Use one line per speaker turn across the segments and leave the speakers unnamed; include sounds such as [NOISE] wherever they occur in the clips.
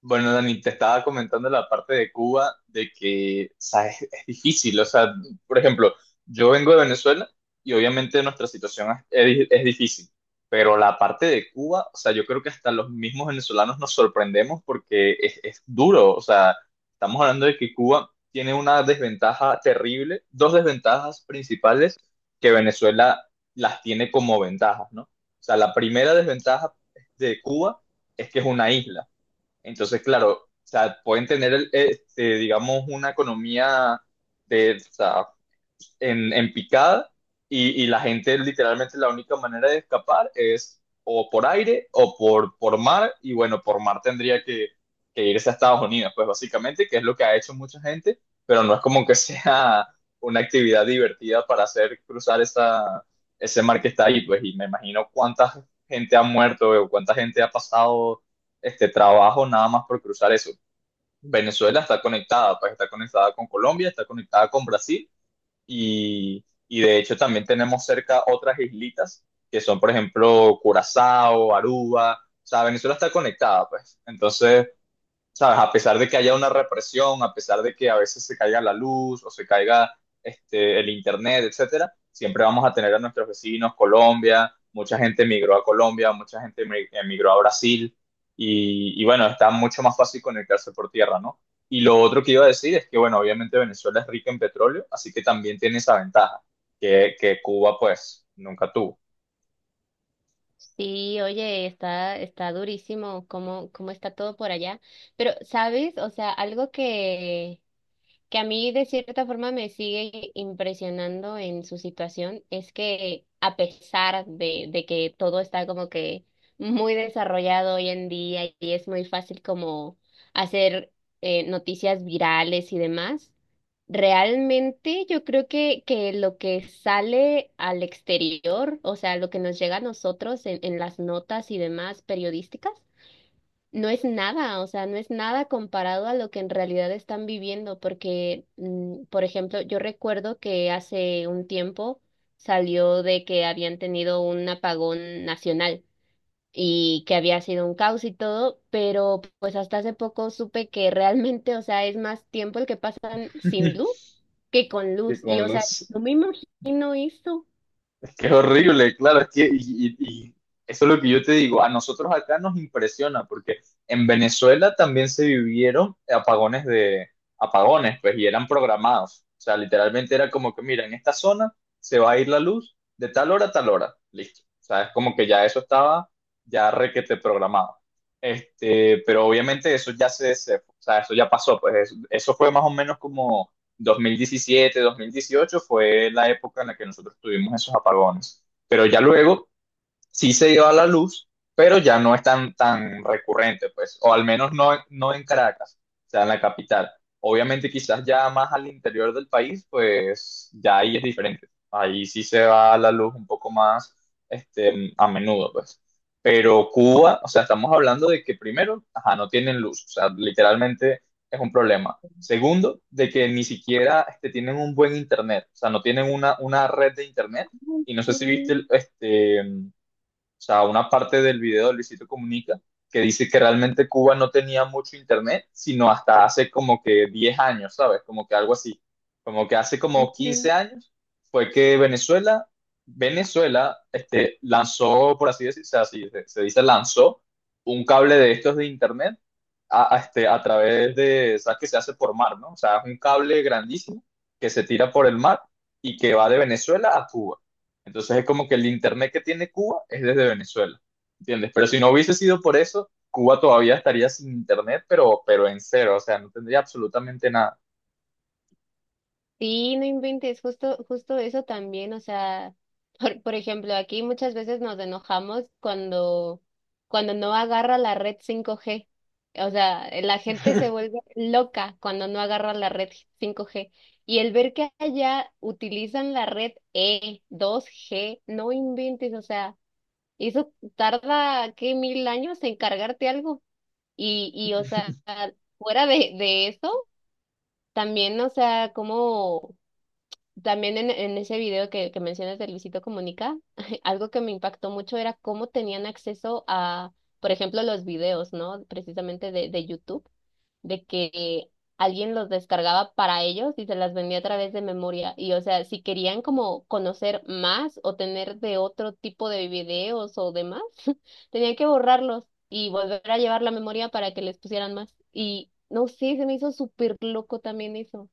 Bueno, Dani, te estaba comentando la parte de Cuba, de que, o sea, es difícil, o sea, por ejemplo, yo vengo de Venezuela y obviamente nuestra situación es difícil, pero la parte de Cuba, o sea, yo creo que hasta los mismos venezolanos nos sorprendemos porque es duro, o sea, estamos hablando de que Cuba tiene una desventaja terrible, dos desventajas principales que Venezuela las tiene como ventajas, ¿no? O sea, la primera desventaja de Cuba es que es una isla. Entonces, claro, o sea, pueden tener, digamos, una economía de, o sea, en picada y, la gente literalmente la única manera de escapar es o por aire o por mar y bueno, por mar tendría que irse a Estados Unidos, pues básicamente, que es lo que ha hecho mucha gente, pero no es como que [LAUGHS] sea una actividad divertida para hacer cruzar esa, ese mar que está ahí, pues y me imagino cuánta gente ha muerto o cuánta gente ha pasado este trabajo nada más por cruzar eso. Venezuela está conectada, pues está conectada con Colombia, está conectada con Brasil y de hecho también tenemos cerca otras islitas que son, por ejemplo, Curazao, Aruba. O sea, Venezuela está conectada, pues. Entonces, ¿sabes? A pesar de que haya una represión, a pesar de que a veces se caiga la luz o se caiga el internet, etcétera, siempre vamos a tener a nuestros vecinos, Colombia, mucha gente emigró a Colombia, mucha gente emigró a Brasil, y bueno, está mucho más fácil conectarse por tierra, ¿no? Y lo otro que iba a decir es que, bueno, obviamente Venezuela es rica en petróleo, así que también tiene esa ventaja que Cuba, pues, nunca tuvo.
Sí, oye, está durísimo cómo está todo por allá. Pero, ¿sabes? O sea, algo que a mí de cierta forma me sigue impresionando en su situación es que a pesar de que todo está como que muy desarrollado hoy en día y es muy fácil como hacer noticias virales y demás, realmente yo creo que lo que sale al exterior, o sea, lo que nos llega a nosotros en las notas y demás periodísticas, no es nada, o sea, no es nada comparado a lo que en realidad están viviendo, porque, por ejemplo, yo recuerdo que hace un tiempo salió de que habían tenido un apagón nacional y que había sido un caos y todo, pero pues hasta hace poco supe que realmente, o sea, es más tiempo el que pasan sin luz
[LAUGHS]
que con
Que
luz, y
con
o sea,
los,
no me imagino eso.
[LAUGHS] es que es horrible, claro, es que y eso es lo que yo te digo, a nosotros acá nos impresiona porque en Venezuela también se vivieron apagones de apagones, pues, y eran programados. O sea, literalmente era como que, mira, en esta zona se va a ir la luz de tal hora a tal hora, listo. O sea, es como que ya eso estaba ya requete programado. Pero obviamente eso ya o sea, eso ya pasó, pues eso fue más o menos como 2017 2018 fue la época en la que nosotros tuvimos esos apagones. Pero ya luego sí se dio a la luz, pero ya no es tan recurrente, pues, o al menos no, no en Caracas, o sea, en la capital. Obviamente quizás ya más al interior del país, pues ya ahí es diferente. Ahí sí se va a la luz un poco más a menudo, pues. Pero Cuba, o sea, estamos hablando de que primero, ajá, no tienen luz, o sea, literalmente es un problema. Segundo, de que ni siquiera tienen un buen internet, o sea, no tienen una red de internet.
Ay,
Y no sé si viste
sí.
o sea, una parte del video de Luisito Comunica que dice que realmente Cuba no tenía mucho internet, sino hasta hace como que 10 años, ¿sabes? Como que algo así. Como que hace como 15
Ujú.
años fue que Venezuela, lanzó, por así decirse, así se dice, lanzó un cable de estos de internet a, a través de, ¿sabes? Que se hace por mar, ¿no? O sea, es un cable grandísimo que se tira por el mar y que va de Venezuela a Cuba. Entonces es como que el internet que tiene Cuba es desde Venezuela, ¿entiendes? Pero si no hubiese sido por eso, Cuba todavía estaría sin internet, pero en cero, o sea, no tendría absolutamente nada.
Sí, no inventes, justo eso también, o sea, [LAUGHS] por ejemplo, aquí muchas veces nos enojamos cuando no agarra la red 5G. O sea, la gente se
[LAUGHS]
vuelve loca cuando no agarra la red 5G. Y el ver que allá utilizan la red E, 2G, no inventes, o sea, eso tarda, ¿qué, 1000 años en cargarte algo? Y o sea, fuera de eso, también, o sea, como también en ese video que mencionas de Luisito Comunica, [LAUGHS] algo que me impactó mucho era cómo tenían acceso a, por ejemplo, los videos, ¿no? Precisamente de YouTube, de que alguien los descargaba para ellos y se las vendía a través de memoria. Y o sea, si querían como conocer más o tener de otro tipo de videos o demás, [LAUGHS] tenían que borrarlos y volver a llevar la memoria para que les pusieran más. Y no sé, se me hizo súper loco también eso.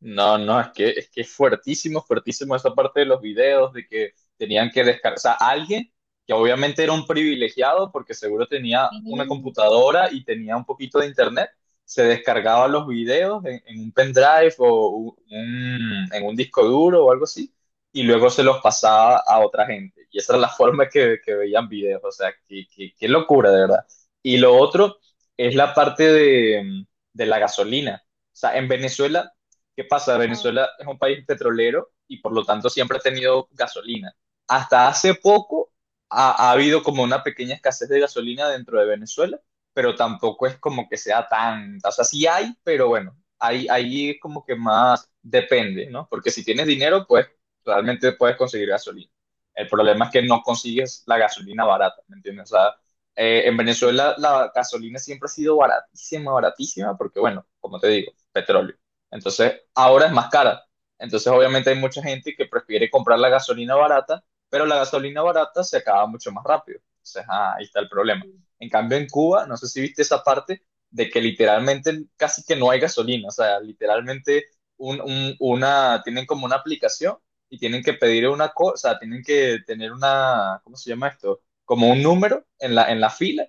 No, no, es que es fuertísimo, fuertísimo esa parte de los videos de que tenían que descargar, o sea, alguien que obviamente era un privilegiado porque seguro tenía una
Sí.
computadora y tenía un poquito de internet, se descargaba los videos en un pendrive o en un disco duro o algo así y luego se los pasaba a otra gente. Y esa era la [LAUGHS] forma que veían videos, o sea, qué locura, de verdad. Y lo otro es la parte de la gasolina. O sea, en Venezuela, ¿qué pasa?
Ah.
Venezuela es un país petrolero y por lo tanto siempre ha tenido gasolina. Hasta hace poco ha habido como una pequeña escasez de gasolina dentro de Venezuela, pero tampoco es como que sea tan, o sea, sí hay, pero bueno, ahí es como que más depende, ¿no? Porque si tienes dinero, pues realmente puedes conseguir gasolina. El problema es que no consigues la gasolina barata, ¿me entiendes? O sea, en Venezuela
[LAUGHS]
la gasolina siempre ha sido baratísima, baratísima, porque bueno, como te digo, petróleo. Entonces, ahora es más cara. Entonces, obviamente hay mucha gente que prefiere comprar la gasolina barata, pero la gasolina barata se acaba mucho más rápido. Entonces, ahí está el problema. En cambio, en Cuba, no sé si viste esa parte de que literalmente casi que no hay gasolina. O sea, literalmente tienen como una aplicación y tienen que pedir una cosa, o sea, tienen que tener una, ¿cómo se llama esto? Como un número en la fila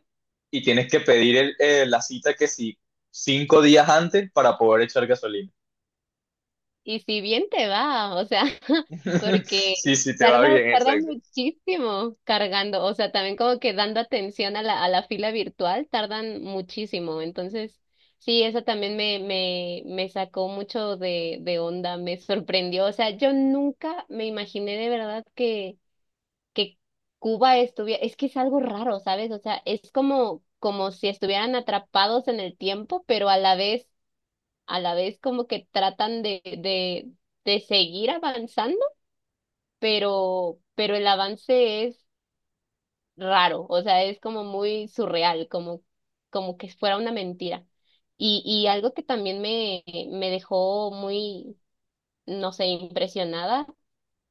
y tienes que pedir la cita que sí, 5 días antes para poder echar gasolina.
Y si bien te va, o sea, [LAUGHS]
[LAUGHS]
porque
Sí, sí, te va bien,
tarda
exacto.
muchísimo cargando, o sea, también como que dando atención a a la fila virtual, tardan muchísimo. Entonces, sí, eso también me sacó mucho de onda, me sorprendió. O sea, yo nunca me imaginé de verdad que Cuba estuviera, es que es algo raro, ¿sabes? O sea, es como, como si estuvieran atrapados en el tiempo, pero a la vez como que tratan de seguir avanzando, pero el avance es raro, o sea, es como muy surreal, como, como que fuera una mentira. Y algo que también me dejó muy, no sé, impresionada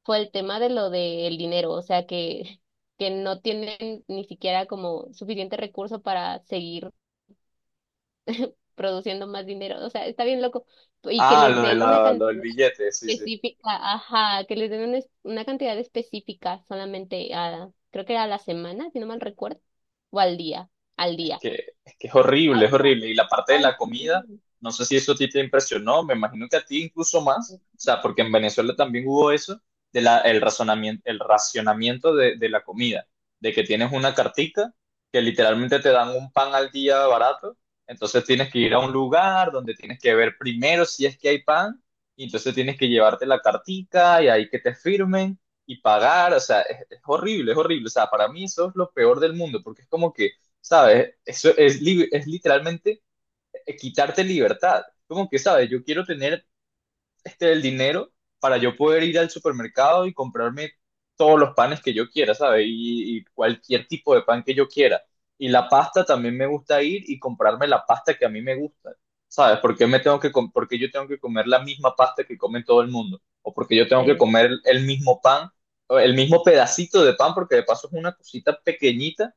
fue el tema de lo del dinero, o sea, que no tienen ni siquiera como suficiente recurso para seguir produciendo más dinero, o sea, está bien loco, y que
Ah,
les
lo de
den una
la, lo del
cantidad
billete, sí, sí.
específica, ajá, que les den una, una cantidad específica solamente a, creo que a la semana, si no mal recuerdo, o al día, al
Es
día.
que, es que es horrible,
Ah,
es
o sea,
horrible. Y la parte de la
ay, sí.
comida, no sé si eso a ti te impresionó, me imagino que a ti incluso más, o sea, porque en Venezuela también hubo eso, de la, el, razonamiento, el racionamiento de la comida, de que tienes una cartica que literalmente te dan un pan al día barato, entonces tienes que ir a un lugar donde tienes que ver primero si es que hay pan, y entonces tienes que llevarte la cartica y ahí que te firmen y pagar, o sea, es horrible, o sea, para mí eso es lo peor del mundo, porque es como que, ¿sabes? Eso es literalmente quitarte libertad. Como que, ¿sabes? Yo quiero tener el dinero para yo poder ir al supermercado y comprarme todos los panes que yo quiera, ¿sabes? Y cualquier tipo de pan que yo quiera. Y la pasta también me gusta ir y comprarme la pasta que a mí me gusta, ¿sabes? ¿Porque me tengo que por qué yo tengo que comer la misma pasta que come todo el mundo? ¿O porque yo tengo que
Sí,
comer el mismo pan, o el mismo pedacito de pan, porque de paso es una cosita pequeñita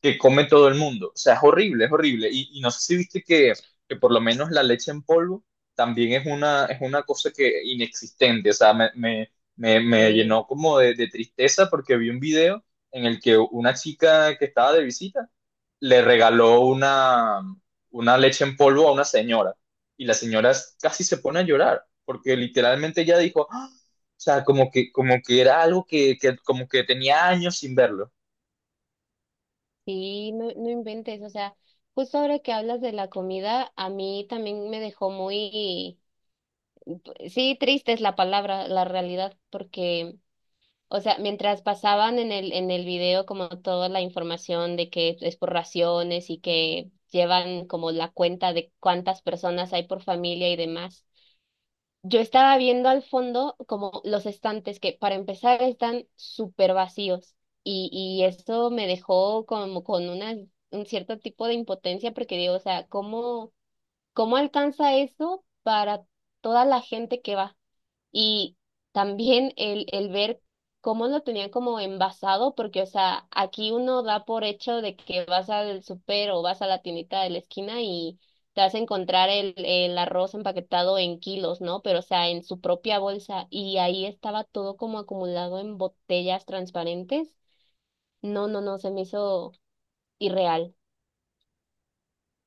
que come todo el mundo? O sea, es horrible, es horrible. Y no sé si viste que por lo menos la leche en polvo también es una cosa que inexistente. O sea, me
sí,
llenó como de tristeza porque vi un video en el que una chica que estaba de visita le regaló una leche en polvo a una señora. Y la señora casi se pone a llorar porque literalmente ella dijo, "Ah", o sea, como que era algo que como que tenía años sin verlo.
sí, no, no inventes, o sea, justo ahora que hablas de la comida, a mí también me dejó muy, sí, triste es la palabra, la realidad, porque o sea, mientras pasaban en el video como toda la información de que es por raciones y que llevan como la cuenta de cuántas personas hay por familia y demás, yo estaba viendo al fondo como los estantes que para empezar están súper vacíos y eso me dejó como con una, un cierto tipo de impotencia porque digo, o sea, ¿cómo, cómo alcanza eso para toda la gente que va? Y también el ver cómo lo tenían como envasado, porque, o sea, aquí uno da por hecho de que vas al súper o vas a la tiendita de la esquina y te vas a encontrar el arroz empaquetado en kilos, ¿no? Pero, o sea, en su propia bolsa. Y ahí estaba todo como acumulado en botellas transparentes. No, no, no, se me hizo irreal.